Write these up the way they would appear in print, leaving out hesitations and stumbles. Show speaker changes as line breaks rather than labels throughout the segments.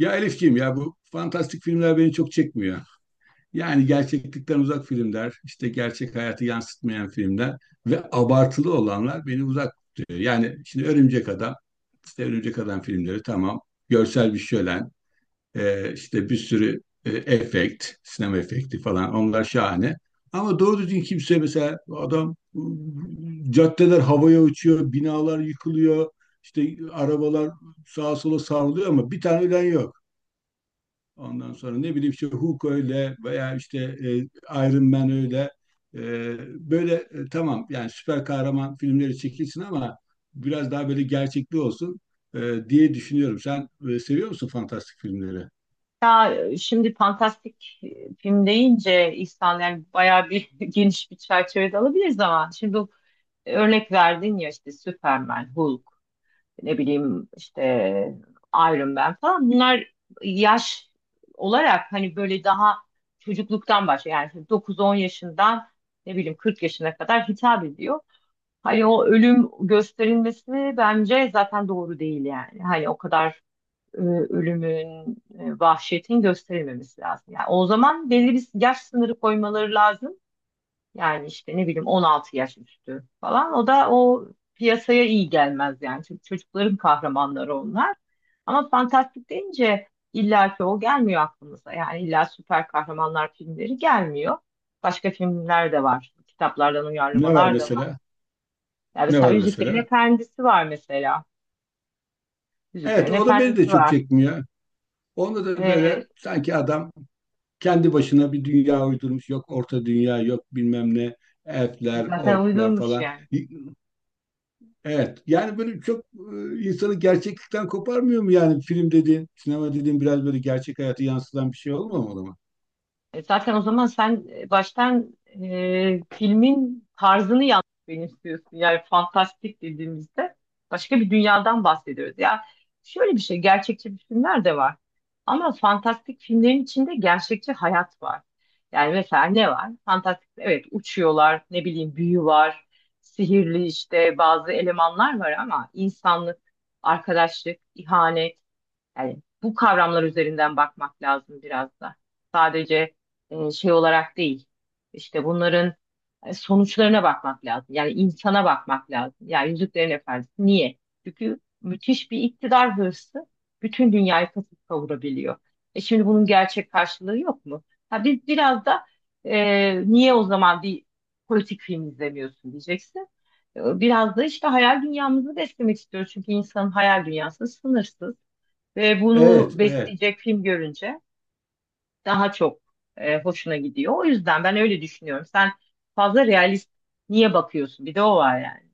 Ya Elifciğim ya bu fantastik filmler beni çok çekmiyor. Yani gerçeklikten uzak filmler, işte gerçek hayatı yansıtmayan filmler ve abartılı olanlar beni uzak tutuyor. Yani şimdi Örümcek Adam, işte Örümcek Adam filmleri tamam, görsel bir şölen, işte bir sürü efekt, sinema efekti falan onlar şahane. Ama doğru düzgün kimse mesela adam caddeler havaya uçuyor, binalar yıkılıyor, işte arabalar sağa sola savruluyor ama bir tane ölen yok. Ondan sonra ne bileyim işte Hulk öyle veya işte Iron Man öyle. E, Böyle tamam yani süper kahraman filmleri çekilsin ama biraz daha böyle gerçekli olsun e, diye düşünüyorum. Sen seviyor musun fantastik filmleri?
Ya şimdi fantastik film deyince İhsan yani bayağı bir geniş bir çerçevede alabiliriz ama şimdi bu örnek verdin ya işte Superman, Hulk, ne bileyim işte Iron Man falan bunlar yaş olarak hani böyle daha çocukluktan başlıyor. Yani 9-10 yaşından ne bileyim 40 yaşına kadar hitap ediyor. Hani o ölüm gösterilmesi bence zaten doğru değil yani. Hani o kadar e, ölümün, vahşetin gösterilmemesi lazım. Yani o zaman belli bir yaş sınırı koymaları lazım. Yani işte ne bileyim 16 yaş üstü falan. O da o piyasaya iyi gelmez yani. Çünkü çocukların kahramanları onlar. Ama fantastik deyince illa ki o gelmiyor aklımıza. Yani illa süper kahramanlar filmleri gelmiyor. Başka filmler de var. Kitaplardan
Ne var
uyarlamalar da var.
mesela?
Yani
Ne
mesela
var
Yüzüklerin
mesela?
Efendisi var mesela.
Evet
Yüzüklerin
o da beni de
Efendisi
çok
var.
çekmiyor. Onda da böyle
Ee,
sanki adam kendi başına bir dünya uydurmuş. Yok orta dünya, yok bilmem ne, elfler,
Zaten
orklar
uydurmuş
falan.
yani.
Evet. Yani böyle çok insanı gerçeklikten koparmıyor mu yani film dediğin, sinema dediğin biraz böyle gerçek hayatı yansıtan bir şey olmamalı mı?
Zaten o zaman sen baştan filmin tarzını yanlış benimsiyorsun. Yani fantastik dediğimizde başka bir dünyadan bahsediyoruz. Ya şöyle bir şey, gerçekçi bir filmler de var. Ama fantastik filmlerin içinde gerçekçi hayat var. Yani mesela ne var? Fantastik, evet uçuyorlar, ne bileyim büyü var, sihirli işte bazı elemanlar var ama insanlık, arkadaşlık, ihanet. Yani bu kavramlar üzerinden bakmak lazım biraz da. Sadece şey olarak değil. İşte bunların sonuçlarına bakmak lazım. Yani insana bakmak lazım. Yani Yüzüklerin Efendisi niye? Çünkü müthiş bir iktidar hırsı bütün dünyayı kasıp kavurabiliyor. E şimdi bunun gerçek karşılığı yok mu? Ha biz biraz da niye o zaman bir politik film izlemiyorsun diyeceksin. Biraz da işte hayal dünyamızı beslemek istiyoruz. Çünkü insanın hayal dünyası sınırsız. Ve
Evet,
bunu
evet.
besleyecek film görünce daha çok hoşuna gidiyor. O yüzden ben öyle düşünüyorum. Sen fazla realist niye bakıyorsun? Bir de o var yani.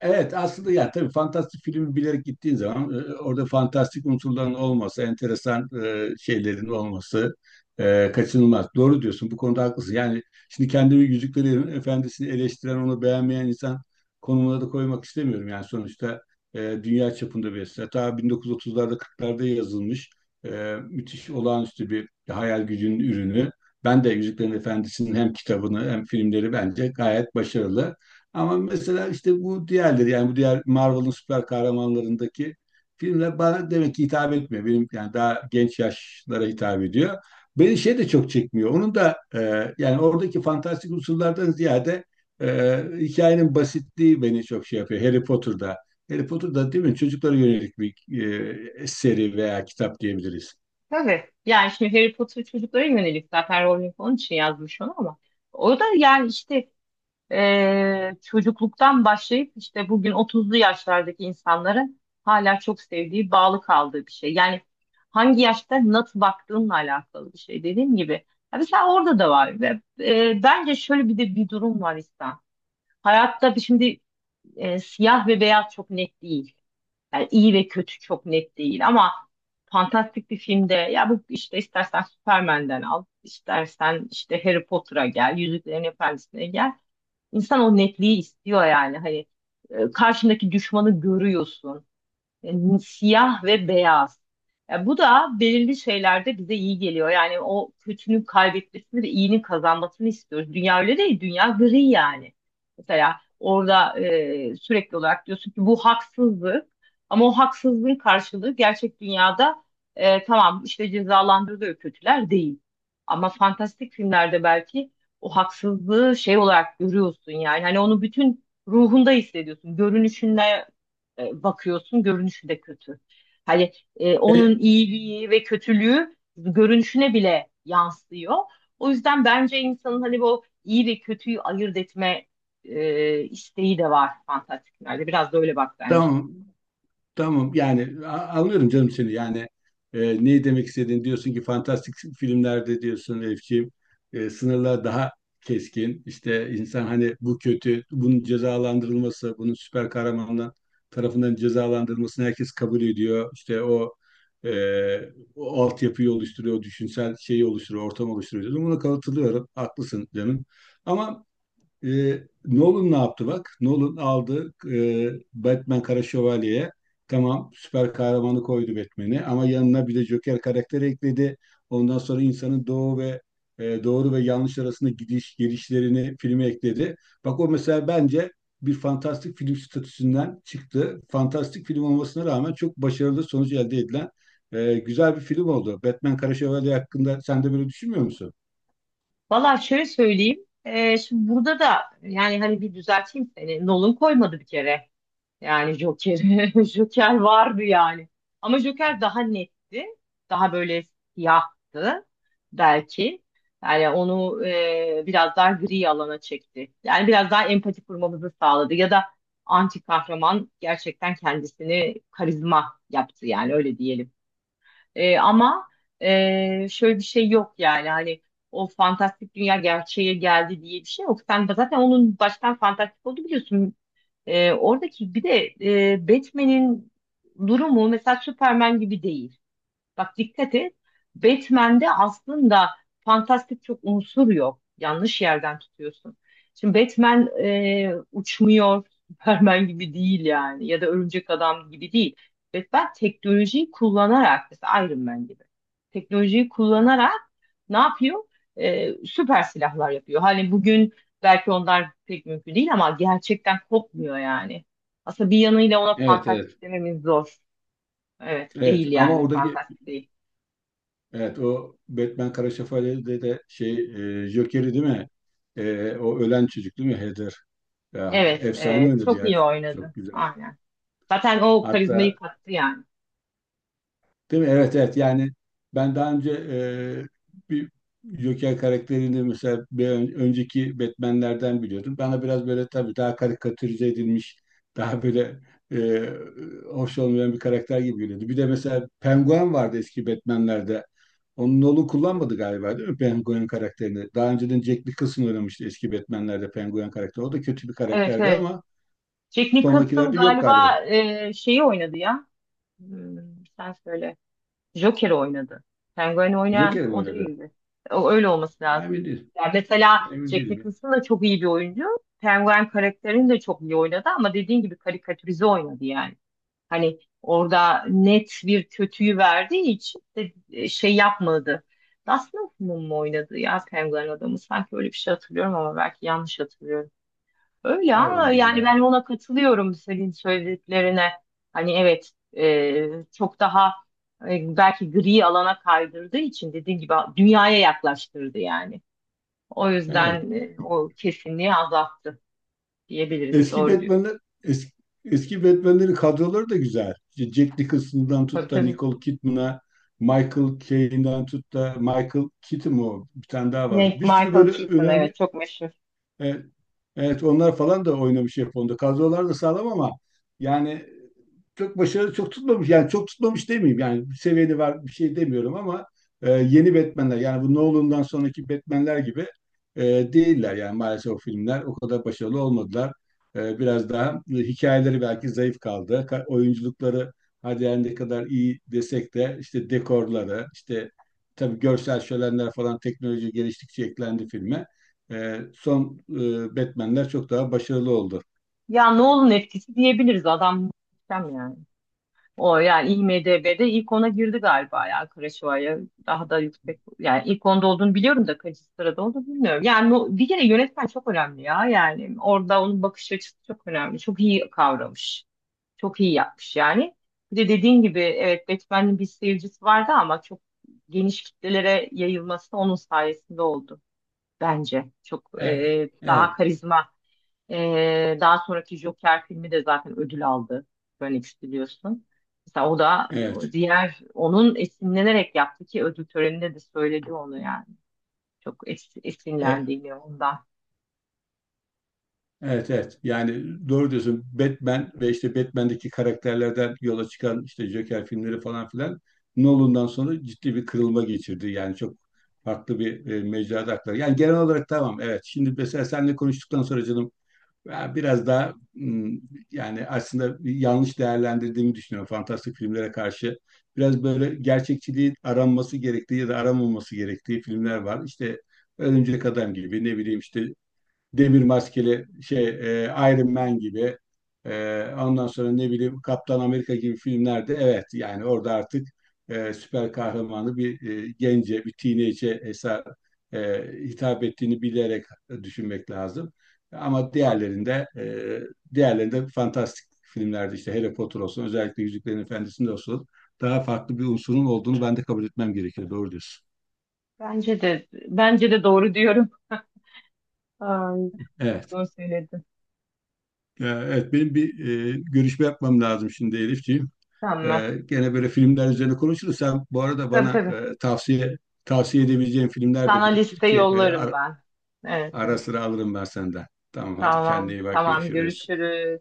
Evet aslında ya tabii fantastik filmi bilerek gittiğin zaman orada fantastik unsurların olması, enteresan şeylerin olması, kaçınılmaz. Doğru diyorsun, bu konuda haklısın. Yani şimdi kendimi Yüzüklerin Efendisi'ni eleştiren, onu beğenmeyen insan konumuna da koymak istemiyorum. Yani sonuçta dünya çapında bir eser. Ta 1930'larda 40'larda yazılmış müthiş, olağanüstü bir hayal gücünün ürünü. Ben de Yüzüklerin Efendisi'nin hem kitabını hem filmleri bence gayet başarılı. Ama mesela işte bu diğerleri, yani bu diğer Marvel'ın süper kahramanlarındaki filmler bana demek ki hitap etmiyor. Benim yani daha genç yaşlara hitap ediyor. Beni şey de çok çekmiyor. Onun da yani oradaki fantastik unsurlardan ziyade e, hikayenin basitliği beni çok şey yapıyor. Harry Potter'da. Harry Potter'da değil mi? Çocuklara yönelik bir seri veya kitap diyebiliriz.
Tabii. Yani şimdi Harry Potter çocuklara yönelik zaten Rowling onun için yazmış onu ama o da yani işte çocukluktan başlayıp işte bugün 30'lu yaşlardaki insanların hala çok sevdiği, bağlı kaldığı bir şey. Yani hangi yaşta nasıl baktığınla alakalı bir şey dediğim gibi. Ya mesela orada da var ve bence şöyle bir de bir durum var İhsan. Hayatta şimdi siyah ve beyaz çok net değil. Yani iyi ve kötü çok net değil ama fantastik bir filmde ya bu işte istersen Superman'den al, istersen işte Harry Potter'a gel, Yüzüklerin Efendisi'ne gel. İnsan o netliği istiyor yani. Hani karşındaki düşmanı görüyorsun e, siyah ve beyaz. Ya bu da belirli şeylerde bize iyi geliyor. Yani o kötünün kaybetmesini ve iyinin kazanmasını istiyoruz. Dünya öyle değil, dünya gri yani. Mesela orada sürekli olarak diyorsun ki bu haksızlık ama o haksızlığın karşılığı gerçek dünyada tamam işte cezalandırılıyor kötüler değil. Ama fantastik filmlerde belki o haksızlığı şey olarak görüyorsun yani hani onu bütün ruhunda hissediyorsun. Görünüşünde bakıyorsun görünüşü de kötü. Hani onun
E,
iyiliği ve kötülüğü görünüşüne bile yansıyor. O yüzden bence insanın hani bu iyi ve kötüyü ayırt etme isteği de var fantastiklerde. Biraz da öyle bak bence.
tamam. Tamam yani anlıyorum canım seni, yani neyi demek istediğini diyorsun ki fantastik filmlerde, diyorsun Elifciğim, sınırlar daha keskin, işte insan hani bu kötü, bunun cezalandırılması, bunun süper kahramanlar tarafından cezalandırılmasını herkes kabul ediyor, işte o e, o altyapıyı oluşturuyor, o düşünsel şeyi oluşturuyor, ortam oluşturuyor diyorsun. Buna katılıyorum, haklısın canım, ama e, Nolan ne yaptı bak? Nolan aldı Batman Kara Şövalye'ye. Tamam, süper kahramanı koydu Batman'i ama yanına bir de Joker karakteri ekledi. Ondan sonra insanın doğru ve yanlış arasında gidiş gelişlerini filme ekledi. Bak o mesela bence bir fantastik film statüsünden çıktı. Fantastik film olmasına rağmen çok başarılı sonuç elde edilen güzel bir film oldu. Batman Kara Şövalye hakkında sen de böyle düşünmüyor musun?
Valla şöyle söyleyeyim. Şimdi burada da yani hani bir düzelteyim seni. Nolan koymadı bir kere. Yani Joker, Joker vardı yani. Ama Joker daha netti. Daha böyle siyahtı belki. Yani onu biraz daha gri alana çekti. Yani biraz daha empati kurmamızı sağladı. Ya da anti kahraman gerçekten kendisini karizma yaptı yani öyle diyelim. Ama şöyle bir şey yok yani hani o fantastik dünya gerçeğe geldi diye bir şey yok. Sen zaten onun baştan fantastik oldu biliyorsun. Oradaki bir de Batman'in durumu mesela Superman gibi değil. Bak dikkat et. Batman'de aslında fantastik çok unsur yok. Yanlış yerden tutuyorsun. Şimdi Batman uçmuyor. Superman gibi değil yani. Ya da Örümcek Adam gibi değil. Batman teknolojiyi kullanarak mesela Iron Man gibi. Teknolojiyi kullanarak ne yapıyor? Süper silahlar yapıyor. Hani bugün belki onlar pek mümkün değil ama gerçekten kopmuyor yani. Aslında bir yanıyla ona
Evet, evet.
fantastik dememiz zor. Evet,
Evet
değil
ama
yani
oradaki,
fantastik değil.
evet o Batman Kara Şövalye'de de şey, Joker'i değil mi? O ölen çocuk değil mi? Heather. Ya,
Evet,
efsane
evet.
oynadı
Çok
ya.
iyi
Çok
oynadı.
güzel.
Aynen. Zaten o karizmayı
Hatta
kattı yani.
değil mi? Evet, evet, yani ben daha önce bir Joker karakterini mesela önceki Batman'lerden biliyordum. Bana biraz böyle tabii daha karikatürize edilmiş, daha böyle e, hoş olmayan bir karakter gibi geliyordu. Bir de mesela Penguin vardı eski Batman'lerde. Onun Nolan kullanmadı galiba, değil mi, Penguin karakterini? Daha önceden Jack Nicholson oynamıştı eski Batman'lerde Penguin karakteri. O da kötü bir
Evet,
karakterdi
evet.
ama
Jack Nicholson
sonrakilerde yok galiba.
galiba şeyi oynadı ya. Hmm, Sen söyle. Joker oynadı. Penguin oynayan
Joker mi
o
oynadı?
değildi. O, öyle olması lazım.
Emin değilim.
Yani mesela
Emin
Jack
değilim ya.
Nicholson da çok iyi bir oyuncu. Penguin karakterini de çok iyi oynadı ama dediğin gibi karikatürize oynadı yani. Hani orada net bir kötüyü verdiği için de şey yapmadı. Dustin Hoffman mı oynadı ya Penguin adamı? Sanki öyle bir şey hatırlıyorum ama belki yanlış hatırlıyorum. Öyle ama
Olabilir
yani ben
ya.
ona katılıyorum senin söylediklerine. Hani evet çok daha belki gri alana kaydırdığı için dediğin gibi dünyaya yaklaştırdı yani. O
Evet.
yüzden o kesinliği azalttı diyebiliriz.
Eski
Doğru diyor.
Batman'ler, eski, eski Batman'lerin kadroları da güzel. İşte Jack Nicholson'dan
Tabii
tut da
tabii.
Nicole Kidman'a, Michael Caine'dan tut da Michael Keaton o? Bir tane daha var.
Ne,
Bir sürü
Michael
böyle
Keaton
önemli,
evet çok meşhur.
evet, evet onlar falan da oynamış Japonya'da. Kadrolar da sağlam ama yani çok başarılı, çok tutmamış. Yani çok tutmamış demeyeyim. Yani bir seviyeli var, bir şey demiyorum ama yeni Batman'ler, yani bu Nolan'dan sonraki Batman'ler gibi e, değiller. Yani maalesef o filmler o kadar başarılı olmadılar. Biraz daha hikayeleri belki zayıf kaldı. Oyunculukları hadi yani ne kadar iyi desek de, işte dekorları, işte tabii görsel şölenler falan teknoloji geliştikçe eklendi filme. Son Batman'ler çok daha başarılı oldu.
Ya Nolan etkisi diyebiliriz. Adam muhteşem yani. O yani IMDb'de ilk 10'a girdi galiba ya Kuroşawa'ya daha da yüksek yani ilk 10'da olduğunu biliyorum da kaçıncı sırada olduğunu bilmiyorum. Yani bir kere yönetmen çok önemli ya yani orada onun bakış açısı çok önemli. Çok iyi kavramış. Çok iyi yapmış yani. Bir de dediğin gibi evet Batman'in bir seyircisi vardı ama çok geniş kitlelere yayılması onun sayesinde oldu bence. Çok
Evet,
daha
evet,
karizma daha sonraki Joker filmi de zaten ödül aldı. Phoenix biliyorsun. Mesela o da o
evet.
diğer onun esinlenerek yaptı ki ödül töreninde de söyledi onu yani. Çok
E,
esinlendiğini ondan.
Evet, evet. Yani doğru diyorsun. Batman ve işte Batman'deki karakterlerden yola çıkan işte Joker filmleri falan filan Nolan'dan sonra ciddi bir kırılma geçirdi. Yani çok farklı bir mecrada aktardı. Yani genel olarak tamam, evet. Şimdi mesela seninle konuştuktan sonra canım, ben biraz daha yani aslında bir yanlış değerlendirdiğimi düşünüyorum fantastik filmlere karşı. Biraz böyle gerçekçiliği aranması gerektiği ya da aranmaması gerektiği filmler var. İşte Örümcek Adam gibi, ne bileyim işte demir maskeli şey, Iron Man gibi, ondan sonra ne bileyim Kaptan Amerika gibi filmlerde evet, yani orada artık süper kahramanı bir gence, bir teenage'e eser e, hitap ettiğini bilerek düşünmek lazım. Ama diğerlerinde diğerlerinde fantastik filmlerde işte Harry Potter olsun, özellikle Yüzüklerin Efendisi'nde olsun, daha farklı bir unsurun olduğunu ben de kabul etmem gerekiyor. Doğru diyorsun.
Bence de bence de doğru diyorum. Ay, çok
Evet.
doğru söyledin.
Ya, evet, benim bir görüşme yapmam lazım şimdi Elifciğim.
Tamam.
Gene böyle filmler üzerine konuşuruz. Sen bu arada
Tabii
bana
tabii.
tavsiye edebileceğin filmler de
Sana
biriktir
liste
ki,
yollarım ben. Evet,
ara
evet.
sıra alırım ben senden. Tamam, hadi kendine
Tamam.
iyi bak,
Tamam
görüşürüz.
görüşürüz.